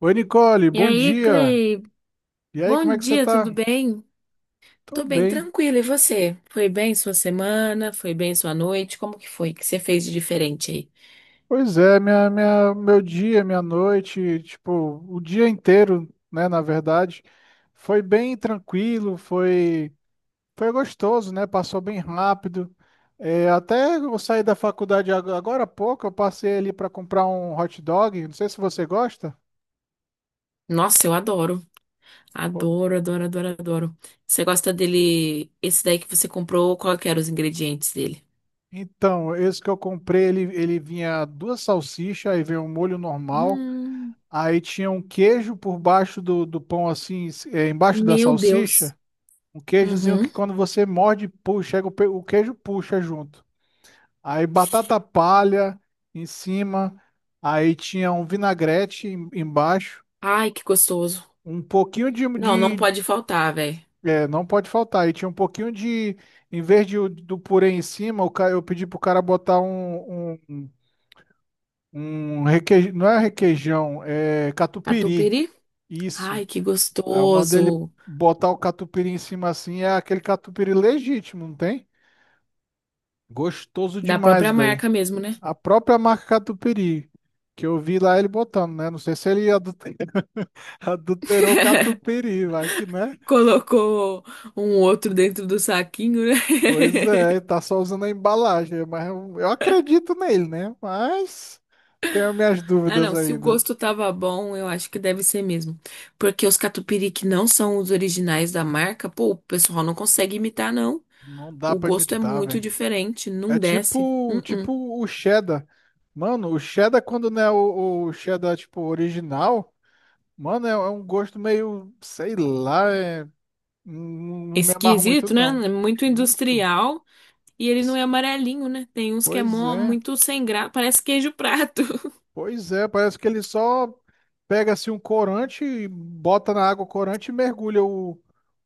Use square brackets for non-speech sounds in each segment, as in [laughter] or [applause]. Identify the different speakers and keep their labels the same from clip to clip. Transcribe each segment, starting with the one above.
Speaker 1: Oi, Nicole,
Speaker 2: E
Speaker 1: bom
Speaker 2: aí,
Speaker 1: dia.
Speaker 2: Clay?
Speaker 1: E aí, como é
Speaker 2: Bom
Speaker 1: que você
Speaker 2: dia,
Speaker 1: tá?
Speaker 2: tudo bem? Tô
Speaker 1: Tô
Speaker 2: bem,
Speaker 1: bem.
Speaker 2: tranquilo. E você? Foi bem sua semana? Foi bem sua noite? Como que foi? O que você fez de diferente aí?
Speaker 1: Pois é, meu dia, minha noite, tipo, o dia inteiro, né, na verdade, foi bem tranquilo, foi gostoso, né? Passou bem rápido. É, até eu saí da faculdade agora há pouco, eu passei ali para comprar um hot dog, não sei se você gosta.
Speaker 2: Nossa, eu adoro.
Speaker 1: Pô.
Speaker 2: Adoro, adoro, adoro, adoro. Você gosta dele? Esse daí que você comprou, qual que eram os ingredientes dele?
Speaker 1: Então, esse que eu comprei, ele vinha duas salsichas, aí veio um molho normal.
Speaker 2: Hum,
Speaker 1: Aí tinha um queijo por baixo do pão, assim, embaixo da
Speaker 2: meu Deus.
Speaker 1: salsicha. Um queijozinho que
Speaker 2: Uhum.
Speaker 1: quando você morde, puxa, chega o queijo puxa junto. Aí batata palha em cima. Aí tinha um vinagrete embaixo.
Speaker 2: Ai, que gostoso.
Speaker 1: Um pouquinho de,
Speaker 2: Não, não
Speaker 1: de
Speaker 2: pode faltar, velho.
Speaker 1: é, não pode faltar. Aí tinha um pouquinho de. Em vez de, do purê em cima, eu pedi pro cara botar um requeijão. Não é requeijão, é catupiry.
Speaker 2: Catupiry?
Speaker 1: Isso.
Speaker 2: Ai, que
Speaker 1: Aí eu mandei ele
Speaker 2: gostoso.
Speaker 1: botar o catupiry em cima assim, é aquele catupiry legítimo, não tem? Gostoso
Speaker 2: Da
Speaker 1: demais,
Speaker 2: própria
Speaker 1: velho.
Speaker 2: marca mesmo, né?
Speaker 1: A própria marca catupiry, que eu vi lá ele botando, né? Não sei se ele [laughs] adulterou o catupiry, vai que, né?
Speaker 2: Colocou um outro dentro do saquinho, né?
Speaker 1: Pois é,
Speaker 2: [laughs]
Speaker 1: tá só usando a embalagem, mas eu acredito nele, né? Mas tenho minhas
Speaker 2: Ah,
Speaker 1: dúvidas
Speaker 2: não. Se o
Speaker 1: ainda.
Speaker 2: gosto tava bom, eu acho que deve ser mesmo. Porque os catupiry que não são os originais da marca, pô, o pessoal não consegue imitar, não.
Speaker 1: Não dá
Speaker 2: O
Speaker 1: pra
Speaker 2: gosto é
Speaker 1: imitar,
Speaker 2: muito
Speaker 1: velho.
Speaker 2: diferente,
Speaker 1: É
Speaker 2: não desce.
Speaker 1: tipo,
Speaker 2: Uh-uh.
Speaker 1: tipo o cheddar. Mano, o cheddar quando não é o cheddar, tipo, original. Mano, é um gosto meio, sei lá, não, não me amarro muito
Speaker 2: Esquisito, né?
Speaker 1: não.
Speaker 2: É muito
Speaker 1: Muito?
Speaker 2: industrial. E ele não é amarelinho, né? Tem uns que é
Speaker 1: Pois
Speaker 2: mó,
Speaker 1: é,
Speaker 2: muito sem graça. Parece queijo prato.
Speaker 1: pois é, parece que ele só pega assim um corante, e bota na água o corante e mergulha o,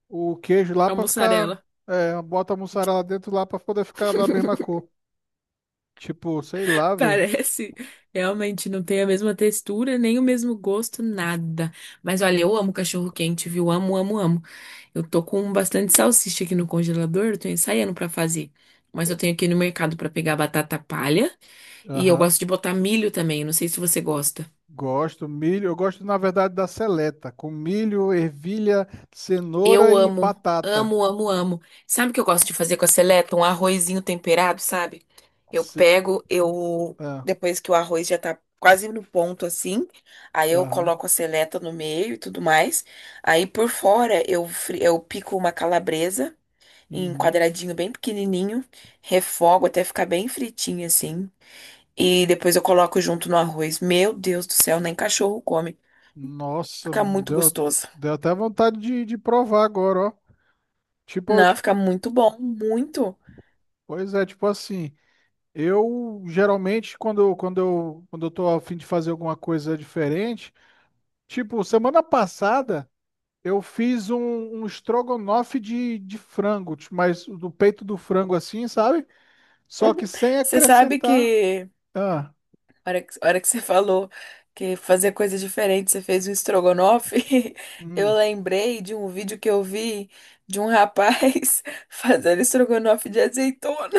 Speaker 1: o queijo lá
Speaker 2: [laughs] A
Speaker 1: pra ficar,
Speaker 2: mussarela.
Speaker 1: bota a mussarela dentro lá pra poder ficar da mesma cor. Tipo, sei lá, velho.
Speaker 2: Parece. Realmente não tem a mesma textura, nem o mesmo gosto, nada. Mas olha, eu amo cachorro quente, viu? Amo, amo, amo. Eu tô com bastante salsicha aqui no congelador, eu tô ensaiando pra fazer. Mas eu tenho aqui no mercado pra pegar batata palha e eu
Speaker 1: Aham.
Speaker 2: gosto de botar milho também, não sei se você gosta.
Speaker 1: Gosto, milho. Eu gosto, na verdade, da seleta, com milho, ervilha, cenoura
Speaker 2: Eu
Speaker 1: e
Speaker 2: amo,
Speaker 1: batata.
Speaker 2: amo, amo, amo. Sabe o que eu gosto de fazer com a seleta? Um arrozinho temperado, sabe? Eu
Speaker 1: Ce...
Speaker 2: pego, eu
Speaker 1: Ah,
Speaker 2: depois que o arroz já tá quase no ponto assim, aí eu
Speaker 1: aham.
Speaker 2: coloco a seleta no meio e tudo mais. Aí por fora eu pico uma calabresa em
Speaker 1: Uhum.
Speaker 2: quadradinho bem pequenininho, refogo até ficar bem fritinho assim. E depois eu coloco junto no arroz. Meu Deus do céu, nem cachorro come.
Speaker 1: Nossa,
Speaker 2: Fica muito
Speaker 1: deu,
Speaker 2: gostoso.
Speaker 1: deu até vontade de provar agora, ó. Tipo,
Speaker 2: Não, fica
Speaker 1: tipo,
Speaker 2: muito bom, muito.
Speaker 1: pois é, tipo assim, eu geralmente quando eu tô a fim de fazer alguma coisa diferente, tipo, semana passada eu fiz um, estrogonofe de frango, tipo, mas do peito do frango assim, sabe? Só que sem
Speaker 2: Você sabe
Speaker 1: acrescentar.
Speaker 2: que,
Speaker 1: Ah,
Speaker 2: a hora que você falou que fazer coisa diferente, você fez um estrogonofe, [laughs] eu
Speaker 1: hum.
Speaker 2: lembrei de um vídeo que eu vi de um rapaz [laughs] fazendo estrogonofe de azeitona.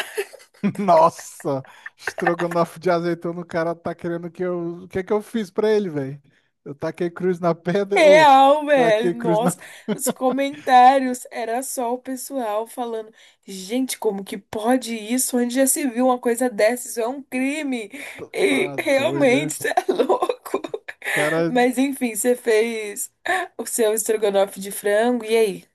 Speaker 1: Nossa, estrogonofe de azeitona, o cara tá querendo que eu. O que é que eu fiz pra ele, velho? Eu taquei cruz na pedra. Ô,
Speaker 2: Real,
Speaker 1: taquei
Speaker 2: velho.
Speaker 1: cruz na.
Speaker 2: Nossa,
Speaker 1: [laughs]
Speaker 2: os comentários era só o pessoal falando: gente, como que pode isso? Onde já se viu uma coisa dessa? Isso é um crime. E
Speaker 1: Tá doido, é?
Speaker 2: realmente, você é [laughs] louco.
Speaker 1: Cara,
Speaker 2: Mas enfim, você fez o seu estrogonofe de frango. E aí?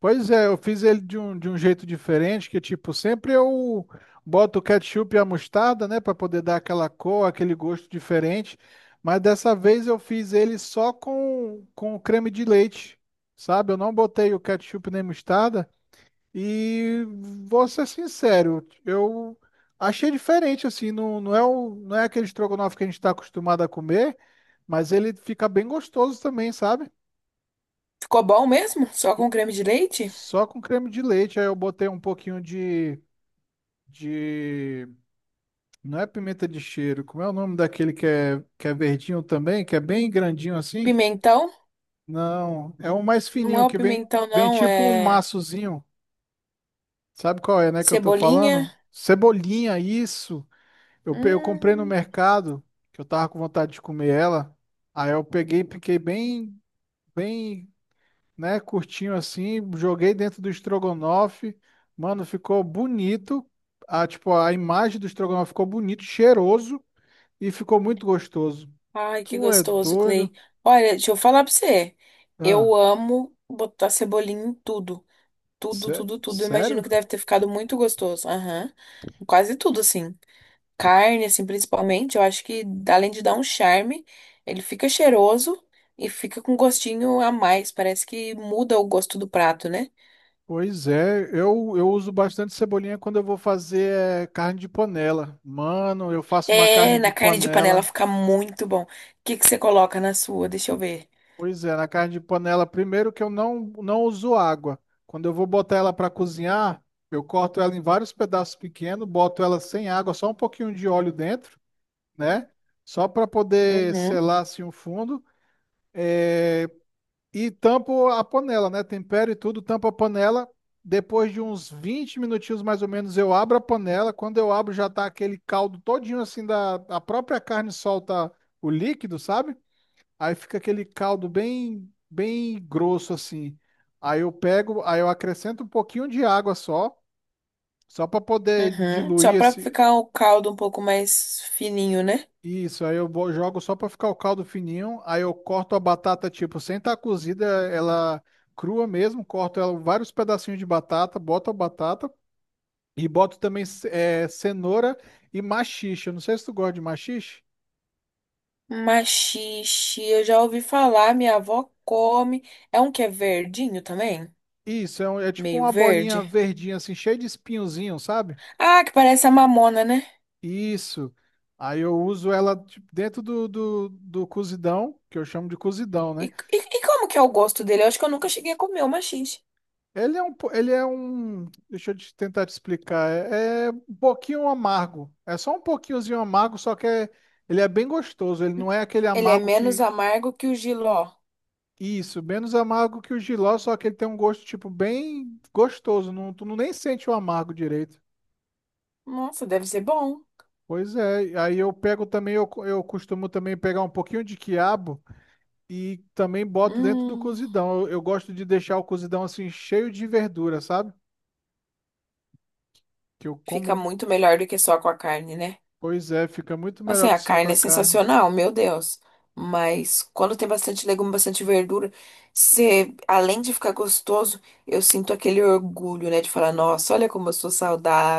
Speaker 1: pois é, eu fiz ele de um jeito diferente, que tipo, sempre eu boto o ketchup e a mostarda, né. Pra poder dar aquela cor, aquele gosto diferente. Mas dessa vez eu fiz ele só com creme de leite, sabe? Eu não botei o ketchup nem mostarda. E vou ser sincero, eu achei diferente, assim, não é não é aquele estrogonofe que a gente está acostumado a comer, mas ele fica bem gostoso também, sabe?
Speaker 2: Ficou bom mesmo? Só com creme de leite?
Speaker 1: Só com creme de leite, aí eu botei um pouquinho de, de, não é pimenta de cheiro, como é o nome daquele que é verdinho também, que é bem grandinho assim?
Speaker 2: Pimentão?
Speaker 1: Não, é um mais
Speaker 2: Não é
Speaker 1: fininho
Speaker 2: o
Speaker 1: que vem,
Speaker 2: pimentão,
Speaker 1: vem
Speaker 2: não,
Speaker 1: tipo um
Speaker 2: é
Speaker 1: maçozinho, sabe qual é, né, que eu tô
Speaker 2: cebolinha.
Speaker 1: falando? Cebolinha, isso! Eu comprei no
Speaker 2: Hum.
Speaker 1: mercado, que eu tava com vontade de comer ela. Aí eu peguei, piquei bem, bem, né, curtinho assim, joguei dentro do estrogonofe. Mano, ficou bonito. A imagem do estrogonofe ficou bonito, cheiroso e ficou muito gostoso.
Speaker 2: Ai, que
Speaker 1: Tu é
Speaker 2: gostoso, Clay.
Speaker 1: doido?
Speaker 2: Olha, deixa eu falar pra você.
Speaker 1: Ah,
Speaker 2: Eu amo botar cebolinha em tudo. Tudo, tudo, tudo. Eu imagino
Speaker 1: sério?
Speaker 2: que deve ter ficado muito gostoso. Aham. Quase tudo, assim. Carne, assim, principalmente. Eu acho que, além de dar um charme, ele fica cheiroso e fica com gostinho a mais. Parece que muda o gosto do prato, né?
Speaker 1: Pois é, eu uso bastante cebolinha quando eu vou fazer carne de panela. Mano, eu faço uma carne
Speaker 2: É,
Speaker 1: de
Speaker 2: na carne de panela
Speaker 1: panela.
Speaker 2: fica muito bom. O que que você coloca na sua? Deixa eu ver.
Speaker 1: Pois é, na carne de panela, primeiro que eu não uso água. Quando eu vou botar ela para cozinhar, eu corto ela em vários pedaços pequenos, boto ela sem água, só um pouquinho de óleo dentro, né? Só para poder
Speaker 2: Uhum,
Speaker 1: selar assim o fundo. É, E tampo a panela, né? Tempero e tudo, tampo a panela. Depois de uns 20 minutinhos mais ou menos, eu abro a panela. Quando eu abro, já tá aquele caldo todinho assim da a própria carne solta o líquido, sabe? Aí fica aquele caldo bem, bem grosso assim. Aí eu pego, aí eu acrescento um pouquinho de água só, só para poder
Speaker 2: uhum. Só
Speaker 1: diluir
Speaker 2: pra
Speaker 1: esse.
Speaker 2: ficar o caldo um pouco mais fininho, né?
Speaker 1: Isso, aí eu jogo só para ficar o caldo fininho. Aí eu corto a batata, tipo, sem estar cozida, ela crua mesmo. Corto ela vários pedacinhos de batata, boto a batata e boto também cenoura e maxixe. Eu não sei se tu gosta de maxixe.
Speaker 2: Maxixe, eu já ouvi falar, minha avó come. É um que é verdinho também?
Speaker 1: Isso, é tipo
Speaker 2: Meio
Speaker 1: uma bolinha
Speaker 2: verde.
Speaker 1: verdinha, assim, cheia de espinhozinho, sabe?
Speaker 2: Ah, que parece a mamona, né?
Speaker 1: Isso. Aí eu uso ela tipo, dentro do cozidão, que eu chamo de cozidão,
Speaker 2: E,
Speaker 1: né?
Speaker 2: e, e como que é o gosto dele? Eu acho que eu nunca cheguei a comer o maxixe.
Speaker 1: Ele é um, po- ele é um, deixa eu te tentar te explicar, é um pouquinho amargo. É só um pouquinhozinho amargo, só que é, ele é bem gostoso. Ele não é aquele
Speaker 2: Ele é
Speaker 1: amargo
Speaker 2: menos
Speaker 1: que,
Speaker 2: amargo que o jiló.
Speaker 1: isso, menos amargo que o jiló, só que ele tem um gosto tipo bem gostoso. Não, tu não nem sente o amargo direito.
Speaker 2: Nossa, deve ser bom.
Speaker 1: Pois é. Aí eu pego também, eu costumo também pegar um pouquinho de quiabo. E também boto dentro do
Speaker 2: Hum,
Speaker 1: cozidão. Eu gosto de deixar o cozidão assim cheio de verdura, sabe? Que eu
Speaker 2: fica
Speaker 1: como,
Speaker 2: muito melhor do que só com a carne, né?
Speaker 1: pois é, fica muito
Speaker 2: Assim,
Speaker 1: melhor que
Speaker 2: a
Speaker 1: só com
Speaker 2: carne
Speaker 1: a
Speaker 2: é
Speaker 1: carne.
Speaker 2: sensacional, meu Deus. Mas quando tem bastante legume, bastante verdura, você, além de ficar gostoso, eu sinto aquele orgulho, né? De falar, nossa, olha como eu sou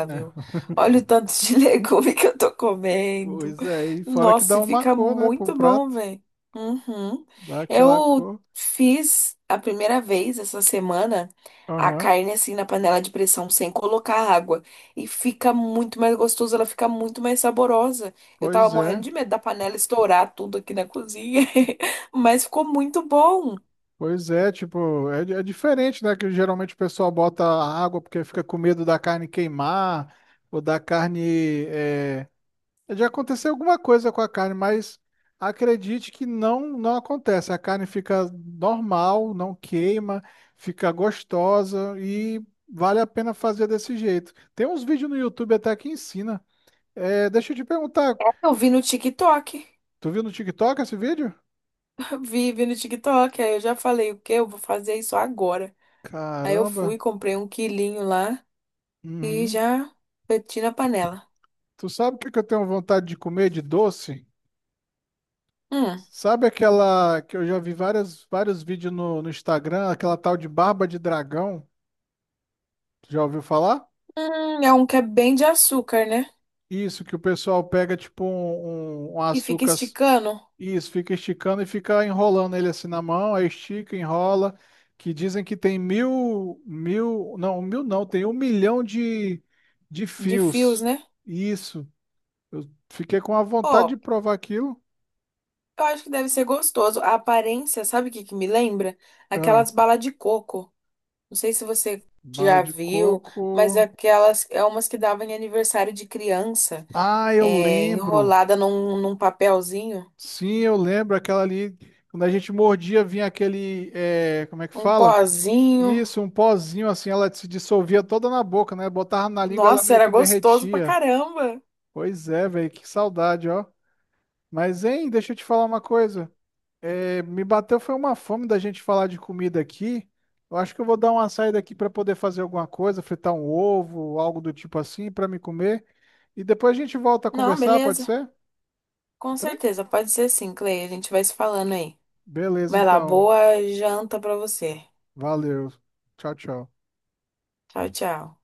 Speaker 1: [laughs] É.
Speaker 2: Olha o tanto de [laughs] legume que eu tô comendo.
Speaker 1: Pois é, e fora que
Speaker 2: Nossa,
Speaker 1: dá
Speaker 2: e
Speaker 1: uma
Speaker 2: fica
Speaker 1: cor, né, pro
Speaker 2: muito bom,
Speaker 1: prato,
Speaker 2: velho. Uhum.
Speaker 1: dá aquela
Speaker 2: Eu
Speaker 1: cor.
Speaker 2: fiz a primeira vez essa semana a
Speaker 1: Aham.
Speaker 2: carne assim na panela de pressão, sem colocar água. E fica muito mais gostoso, ela fica muito mais saborosa. Eu tava
Speaker 1: Pois
Speaker 2: morrendo
Speaker 1: é.
Speaker 2: de medo da panela estourar tudo aqui na cozinha, [laughs] mas ficou muito bom.
Speaker 1: Pois é, tipo, é diferente, né, que geralmente o pessoal bota água porque fica com medo da carne queimar ou da carne já aconteceu alguma coisa com a carne, mas acredite que não acontece. A carne fica normal, não queima, fica gostosa e vale a pena fazer desse jeito. Tem uns vídeos no YouTube até que ensina. Deixa eu te perguntar,
Speaker 2: Eu vi no TikTok,
Speaker 1: tu viu no TikTok esse vídeo?
Speaker 2: [laughs] vi, vi no TikTok, aí eu já falei, o quê? Eu vou fazer isso agora. Aí eu
Speaker 1: Caramba.
Speaker 2: fui, comprei um quilinho lá e
Speaker 1: Uhum.
Speaker 2: já meti na panela.
Speaker 1: Tu sabe o que que eu tenho vontade de comer de doce?
Speaker 2: Hum,
Speaker 1: Sabe aquela que eu já vi várias, vários vídeos no Instagram, aquela tal de barba de dragão? Tu já ouviu falar?
Speaker 2: é um que é bem de açúcar, né?
Speaker 1: Isso, que o pessoal pega tipo um, um
Speaker 2: E fica
Speaker 1: açúcar, s-
Speaker 2: esticando
Speaker 1: isso, fica esticando e fica enrolando ele assim na mão, aí estica, enrola, que dizem que tem mil, mil não, tem 1 milhão de
Speaker 2: de fios,
Speaker 1: fios.
Speaker 2: né?
Speaker 1: Isso, eu fiquei com a vontade de
Speaker 2: Ó,
Speaker 1: provar aquilo.
Speaker 2: eu acho que deve ser gostoso. A aparência, sabe o que que me lembra?
Speaker 1: Ah,
Speaker 2: Aquelas balas de coco. Não sei se você
Speaker 1: bala
Speaker 2: já
Speaker 1: de
Speaker 2: viu, mas
Speaker 1: coco.
Speaker 2: aquelas é umas que davam em aniversário de criança,
Speaker 1: Ah, eu
Speaker 2: é,
Speaker 1: lembro.
Speaker 2: enrolada num papelzinho,
Speaker 1: Sim, eu lembro aquela ali, quando a gente mordia, vinha aquele, como é que
Speaker 2: um
Speaker 1: fala?
Speaker 2: pozinho.
Speaker 1: Isso, um pozinho assim, ela se dissolvia toda na boca, né? Botava na língua, ela
Speaker 2: Nossa,
Speaker 1: meio
Speaker 2: era
Speaker 1: que
Speaker 2: gostoso pra
Speaker 1: derretia.
Speaker 2: caramba.
Speaker 1: Pois é, velho, que saudade, ó. Mas, hein, deixa eu te falar uma coisa. Me bateu foi uma fome da gente falar de comida aqui. Eu acho que eu vou dar uma saída aqui para poder fazer alguma coisa, fritar um ovo, algo do tipo assim, para me comer. E depois a gente volta a
Speaker 2: Não,
Speaker 1: conversar, pode
Speaker 2: beleza.
Speaker 1: ser?
Speaker 2: Com
Speaker 1: Tra-
Speaker 2: certeza, pode ser sim, Clay. A gente vai se falando aí.
Speaker 1: beleza,
Speaker 2: Vai lá,
Speaker 1: então.
Speaker 2: boa janta pra você.
Speaker 1: Valeu. Tchau, tchau.
Speaker 2: Tchau, tchau.